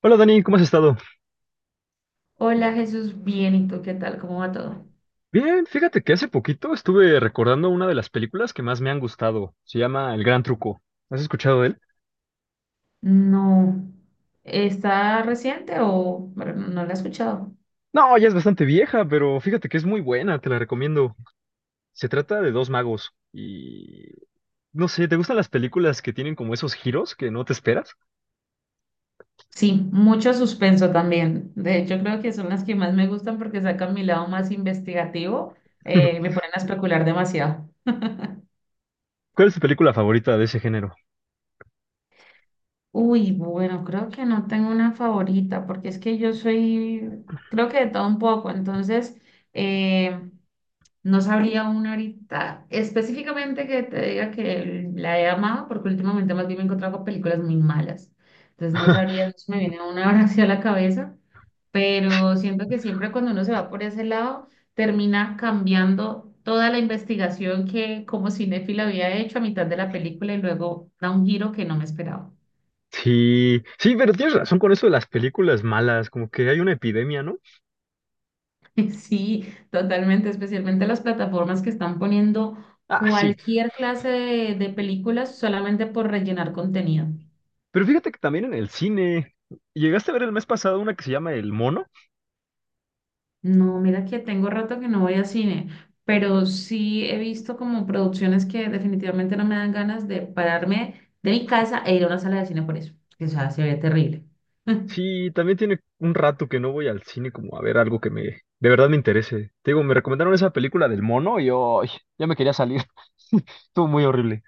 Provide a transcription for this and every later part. Hola Dani, ¿cómo has estado? Hola Jesús, bien, ¿y tú qué tal? ¿Cómo va todo? Bien, fíjate que hace poquito estuve recordando una de las películas que más me han gustado. Se llama El Gran Truco. ¿Has escuchado de él? No. ¿Está reciente o bueno, no la he escuchado? No, ya es bastante vieja, pero fíjate que es muy buena, te la recomiendo. Se trata de dos magos y... No sé, ¿te gustan las películas que tienen como esos giros que no te esperas? Sí, mucho suspenso también. De hecho, creo que son las que más me gustan porque sacan mi lado más investigativo. Me ponen a especular demasiado. ¿Cuál es tu película favorita de ese género? Uy, bueno, creo que no tengo una favorita porque es que yo soy, creo que de todo un poco, entonces, eh, no sabría una ahorita específicamente que te diga que la he amado, porque últimamente más bien me he encontrado con películas muy malas. Entonces no sabría, no se me viene una ahora hacia la cabeza, pero siento que siempre cuando uno se va por ese lado, termina cambiando toda la investigación que como cinéfila había hecho a mitad de la película y luego da un giro que no me esperaba. Sí, sí, pero tienes razón con eso de las películas malas, como que hay una epidemia, ¿no? Sí, totalmente, especialmente las plataformas que están poniendo Ah, sí, cualquier clase de películas solamente por rellenar contenido. pero fíjate que también en el cine... ¿Llegaste a ver el mes pasado una que se llama El Mono? No, mira que tengo rato que no voy a cine, pero sí he visto como producciones que definitivamente no me dan ganas de pararme de mi casa e ir a una sala de cine por eso, que o sea, se ve terrible. Sí, también tiene un rato que no voy al cine como a ver algo que me de verdad me interese. Te digo, me recomendaron esa película del mono y yo ay, ya me quería salir. Estuvo muy horrible.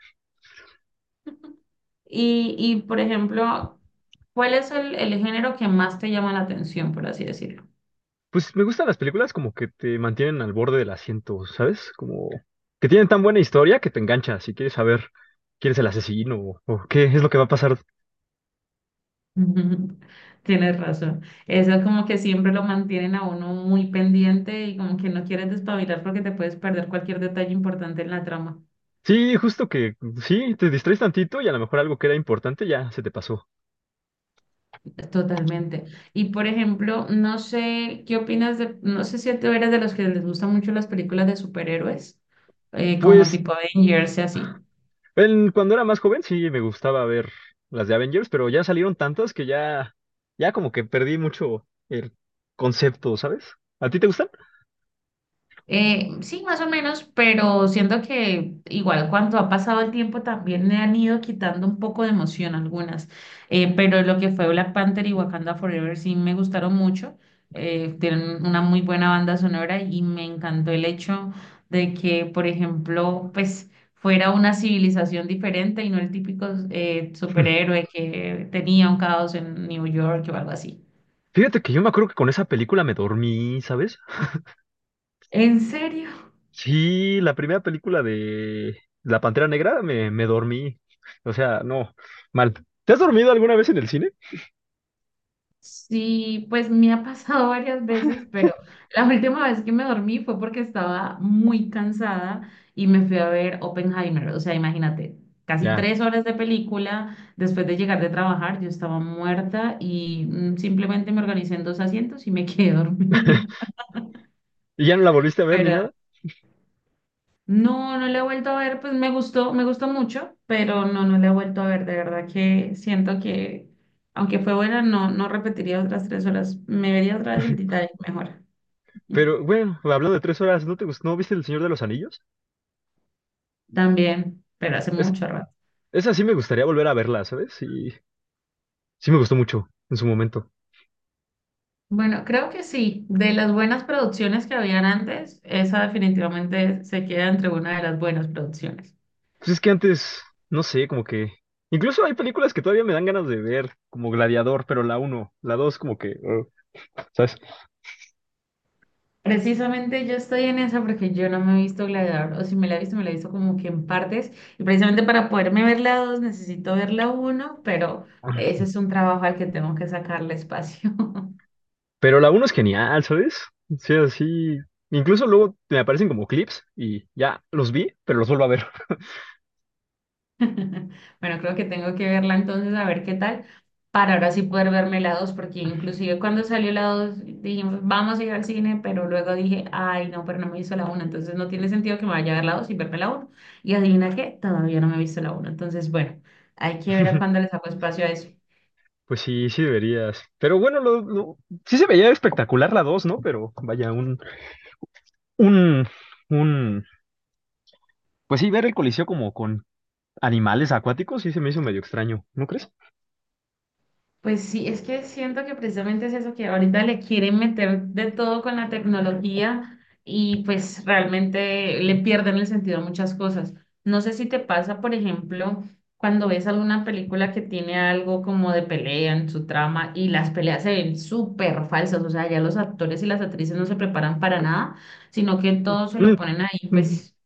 Y por ejemplo, ¿cuál es el género que más te llama la atención, por así decirlo? Pues me gustan las películas como que te mantienen al borde del asiento, ¿sabes? Como que tienen tan buena historia que te enganchas si quieres saber quién es el asesino o qué es lo que va a pasar. Ujú. Tienes razón. Eso como que siempre lo mantienen a uno muy pendiente y como que no quieres despabilar porque te puedes perder cualquier detalle importante en la trama. Sí, justo que sí, te distraes tantito y a lo mejor algo que era importante ya se te pasó. Totalmente. Y por ejemplo, no sé qué opinas de, no sé si tú eres de los que les gustan mucho las películas de superhéroes, como Pues tipo Avengers y así. Cuando era más joven sí me gustaba ver las de Avengers, pero ya salieron tantas que ya como que perdí mucho el concepto, ¿sabes? ¿A ti te gustan? Sí, más o menos, pero siento que igual cuando ha pasado el tiempo también le han ido quitando un poco de emoción algunas. Pero lo que fue Black Panther y Wakanda Forever sí me gustaron mucho. Tienen una muy buena banda sonora y me encantó el hecho de que, por ejemplo, pues fuera una civilización diferente y no el típico superhéroe que tenía un caos en New York o algo así. Fíjate que yo me acuerdo que con esa película me dormí, ¿sabes? ¿En serio? Sí, la primera película de La Pantera Negra me dormí. O sea, no, mal. ¿Te has dormido alguna vez en el cine? Sí, pues me ha pasado varias veces, pero la última vez que me dormí fue porque estaba muy cansada y me fui a ver Oppenheimer. O sea, imagínate, casi Ya. 3 horas de película. Después de llegar de trabajar, yo estaba muerta y simplemente me organicé en dos asientos y me quedé dormida. ¿Y ya no la volviste a ver ni Pero nada? no, no la he vuelto a ver. Pues me gustó mucho, pero no, no la he vuelto a ver. De verdad que siento que, aunque fue buena, no, no repetiría otras 3 horas. Me vería otra vez el Titanic mejor. Pero bueno, hablando de 3 horas, ¿no te gustó? ¿No viste El Señor de los Anillos? También, pero hace Es, mucho rato. esa sí me gustaría volver a verla, ¿sabes? Sí, sí me gustó mucho en su momento. Bueno, creo que sí. De las buenas producciones que habían antes, esa definitivamente se queda entre una de las buenas producciones. Pues es que antes, no sé, como que... Incluso hay películas que todavía me dan ganas de ver, como Gladiador, pero la uno la 2 como que... ¿sabes? Precisamente yo estoy en esa porque yo no me he visto Gladiador, o si me la he visto, me la he visto como que en partes, y precisamente para poderme ver la dos necesito ver la uno, pero ese es un trabajo al que tengo que sacarle espacio. Pero la uno es genial, ¿sabes? O sea, sí, así... Incluso luego me aparecen como clips y ya los vi, pero los vuelvo a ver. Bueno, creo que tengo que verla entonces a ver qué tal, para ahora sí poder verme la 2, porque inclusive cuando salió la 2 dijimos, vamos a ir al cine, pero luego dije, ay, no, pero no me hizo la 1, entonces no tiene sentido que me vaya a ver la 2 y verme la uno. Y adivina qué, todavía no me he visto la uno, entonces bueno, hay que ver a cuándo le saco espacio a eso. Pues sí, sí deberías. Pero bueno, sí se veía espectacular la dos, ¿no? Pero vayaun, un... Pues sí, ver el Coliseo como con animales acuáticos sí se me hizo medio extraño, ¿no crees? Pues sí, es que siento que precisamente es eso que ahorita le quieren meter de todo con la tecnología y pues realmente le pierden el sentido a muchas cosas. No sé si te pasa, por ejemplo, cuando ves alguna película que tiene algo como de pelea en su trama y las peleas se ven súper falsas, o sea, ya los actores y las actrices no se preparan para nada, sino que todo se Mm, lo ponen ahí mm. pues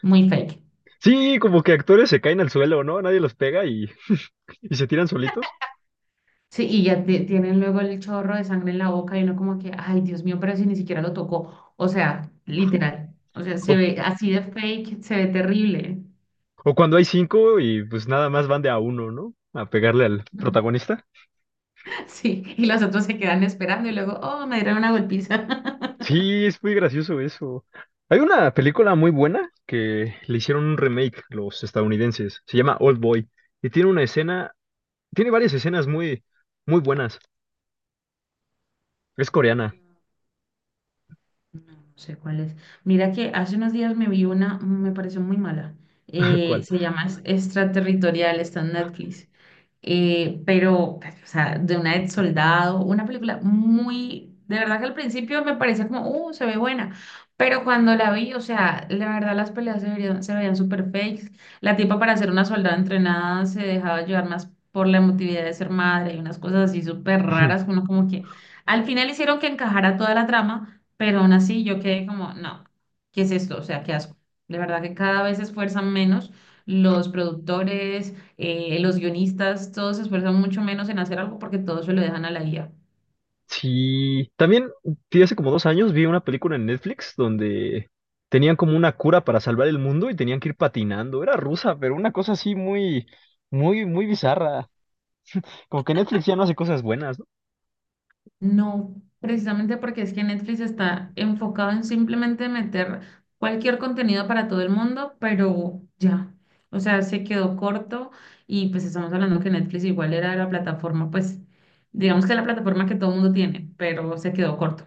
muy fake. Sí, como que actores se caen al suelo, ¿no? Nadie los pega y se tiran solitos. Sí, y ya tienen luego el chorro de sangre en la boca y uno como que, ay, Dios mío, pero si ni siquiera lo tocó. O sea, literal. O sea, se O, ve así de fake, se ve terrible. o cuando hay cinco y pues nada más van de a uno, ¿no? A pegarle al protagonista. Sí, y los otros se quedan esperando y luego, oh, me dieron una golpiza. Sí, es muy gracioso eso. Hay una película muy buena que le hicieron un remake los estadounidenses. Se llama Old Boy. Y tiene una escena, tiene varias escenas muy, muy buenas. Es coreana. No, no sé cuál es. Mira que hace unos días me vi una, me pareció muy mala. ¿Cuál? Se llama Extraterritorial, está en Netflix. Pero, pues, o sea, de una de soldado, una película muy, de verdad que al principio me parecía como, se ve buena, pero cuando la vi, o sea, la verdad las peleas se veían súper fakes, la tipa para ser una soldada entrenada se dejaba llevar más por la emotividad de ser madre y unas cosas así súper raras, uno como que al final hicieron que encajara toda la trama, pero aún así yo quedé como, no, ¿qué es esto? O sea, qué asco. De verdad que cada vez se esfuerzan menos los productores, los guionistas, todos se esfuerzan mucho menos en hacer algo porque todos se lo dejan a la IA. Sí, también vi hace como 2 años vi una película en Netflix donde tenían como una cura para salvar el mundo y tenían que ir patinando. Era rusa, pero una cosa así muy, muy, muy bizarra. Como que Netflix ya no hace cosas buenas, ¿no? No, precisamente porque es que Netflix está enfocado en simplemente meter cualquier contenido para todo el mundo, pero ya, o sea, se quedó corto y pues estamos hablando que Netflix igual era la plataforma, pues digamos que la plataforma que todo el mundo tiene, pero se quedó corto.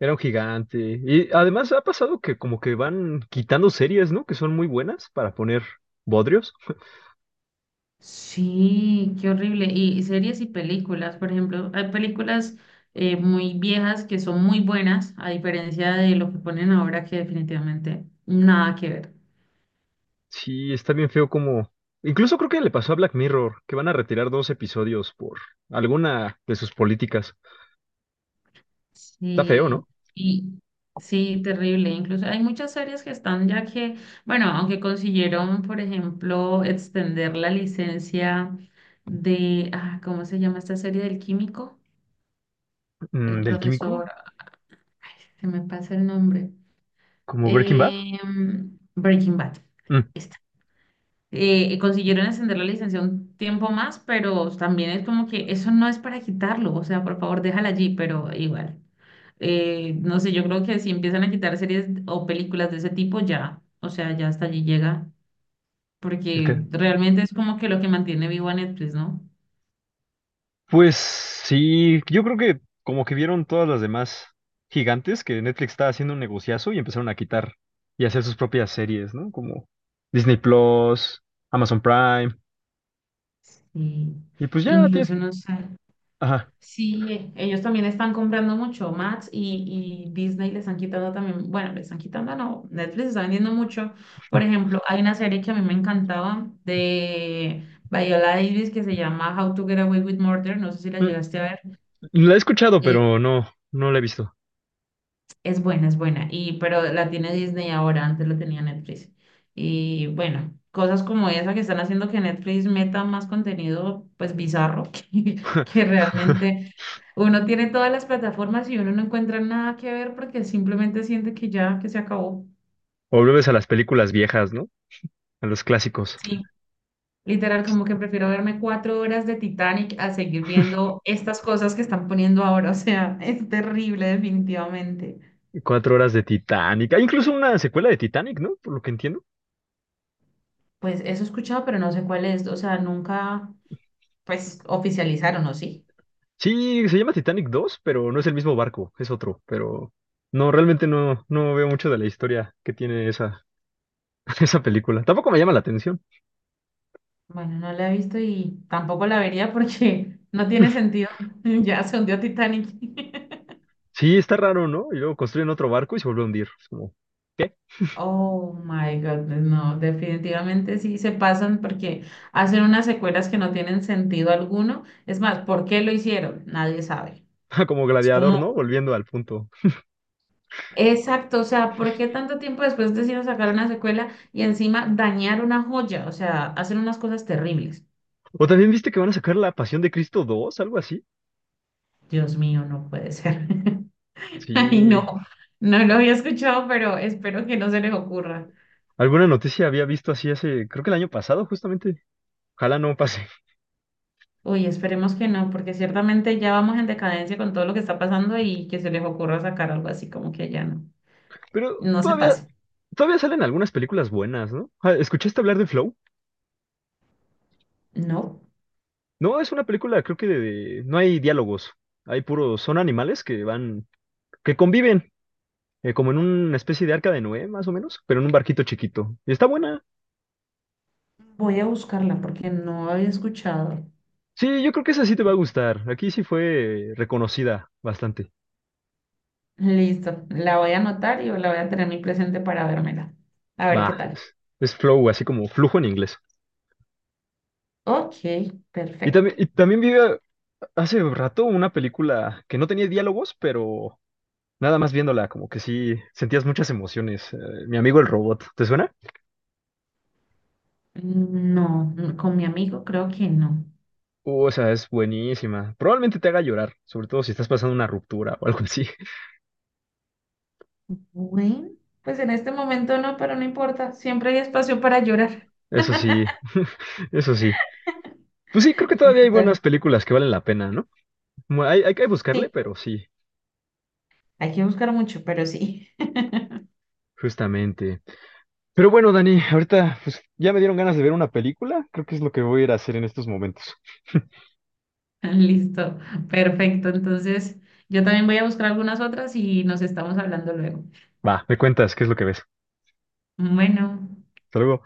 Era un gigante. Y además ha pasado que como que van quitando series, ¿no? Que son muy buenas para poner bodrios. Sí, qué horrible. Y series y películas, por ejemplo, hay películas muy viejas que son muy buenas, a diferencia de lo que ponen ahora que definitivamente nada que ver. Sí, está bien feo como... Incluso creo que le pasó a Black Mirror, que van a retirar 2 episodios por alguna de sus políticas. Está feo, Sí, ¿no? y sí, terrible. Incluso hay muchas series que están ya que, bueno, aunque consiguieron, por ejemplo, extender la licencia de, ¿cómo se llama esta serie del químico? Mm, El ¿del químico? profesor, ay, se me pasa el nombre. ¿Como Breaking Bad? Breaking Bad. Mm, Esta. Consiguieron extender la licencia un tiempo más, pero también es como que eso no es para quitarlo, o sea, por favor, déjala allí, pero igual. No sé, yo creo que si empiezan a quitar series o películas de ese tipo, ya, o sea, ya hasta allí llega, el que- porque realmente es como que lo que mantiene vivo a Netflix, ¿no? pues sí, yo creo que como que vieron todas las demás gigantes que Netflix estaba haciendo un negociazo y empezaron a quitar y hacer sus propias series, ¿no? Como Disney Plus, Amazon Prime, Sí. y pues ya tienes... Incluso no sé. Ajá. Sí, ellos también están comprando mucho. Max y Disney les han quitando también, bueno, les están quitando, no, Netflix está vendiendo mucho. Por ejemplo, hay una serie que a mí me encantaba de Viola Davis que se llama How to Get Away with Murder, no sé si la Mm, llegaste a ver. la he escuchado, pero no, no la he visto. Es buena, es buena. Y, pero la tiene Disney ahora, antes la tenía Netflix. Y bueno, cosas como esa que están haciendo que Netflix meta más contenido, pues bizarro, que realmente uno tiene todas las plataformas y uno no encuentra nada que ver porque simplemente siente que ya, que se acabó. O vuelves a las películas viejas, ¿no? A los clásicos. Sí, literal, como que prefiero verme 4 horas de Titanic a seguir viendo estas cosas que están poniendo ahora. O sea, es terrible, definitivamente. 4 horas de Titanic. Hay incluso una secuela de Titanic, ¿no? Por lo que entiendo. Pues eso he escuchado, pero no sé cuál es. O sea, nunca. Pues oficializaron, ¿o sí? Sí, se llama Titanic 2, pero no es el mismo barco, es otro, pero no, realmente no veo mucho de la historia que tiene esa, esa película. Tampoco me llama la atención. Bueno, no la he visto y tampoco la vería porque no tiene sentido. Ya se hundió Titanic. Sí, está raro, ¿no? Y luego construyen otro barco y se vuelve a hundir. Es como, ¿qué? Oh my God, no, definitivamente sí se pasan porque hacen unas secuelas que no tienen sentido alguno. Es más, ¿por qué lo hicieron? Nadie sabe. Como Es como, Gladiador, ¿no? Volviendo al punto. exacto, o sea, ¿por qué tanto tiempo después decidieron sacar una secuela y encima dañar una joya? O sea, hacen unas cosas terribles. O también viste que van a sacar La Pasión de Cristo 2, algo así. Dios mío, no puede ser. Ay, Sí, no, no lo había escuchado, pero espero que no se les ocurra. alguna noticia había visto así hace, creo que el año pasado, justamente. Ojalá no pase. Uy, esperemos que no, porque ciertamente ya vamos en decadencia con todo lo que está pasando y que se les ocurra sacar algo así como que ya no, Pero no se todavía, pase. todavía salen algunas películas buenas, ¿no? Ah, ¿escuchaste hablar de Flow? No, No, es una película, creo que no hay diálogos. Hay puros, son animales que van, que conviven, como en una especie de arca de Noé, más o menos, pero en un barquito chiquito. Y está buena. voy a buscarla porque no había escuchado. Sí, yo creo que esa sí te va a gustar. Aquí sí fue reconocida bastante. Listo, la voy a anotar y la voy a tener muy presente para vérmela. A ver qué Va, tal. Es flow, así como flujo en inglés. Ok, Y perfecto. también, y también hace rato una película que no tenía diálogos, pero nada más viéndola, como que sí sentías muchas emociones. Mi amigo el robot, ¿te suena? No, no, con mi amigo creo que no. Esa es buenísima. Probablemente te haga llorar, sobre todo si estás pasando una ruptura o algo así. Bueno, pues en este momento no, pero no importa, siempre hay espacio para llorar. Eso sí, eso sí. Pues sí, creo que todavía hay Listo. buenas películas que valen la pena, ¿no? Hay que Sí, buscarle, pero sí, hay que buscar mucho, pero sí. justamente. Pero bueno, Dani, ahorita pues ya me dieron ganas de ver una película. Creo que es lo que voy a ir a hacer en estos momentos. Listo, perfecto. Entonces, yo también voy a buscar algunas otras y nos estamos hablando luego. Va, me cuentas qué es lo que ves. Bueno. Hasta luego.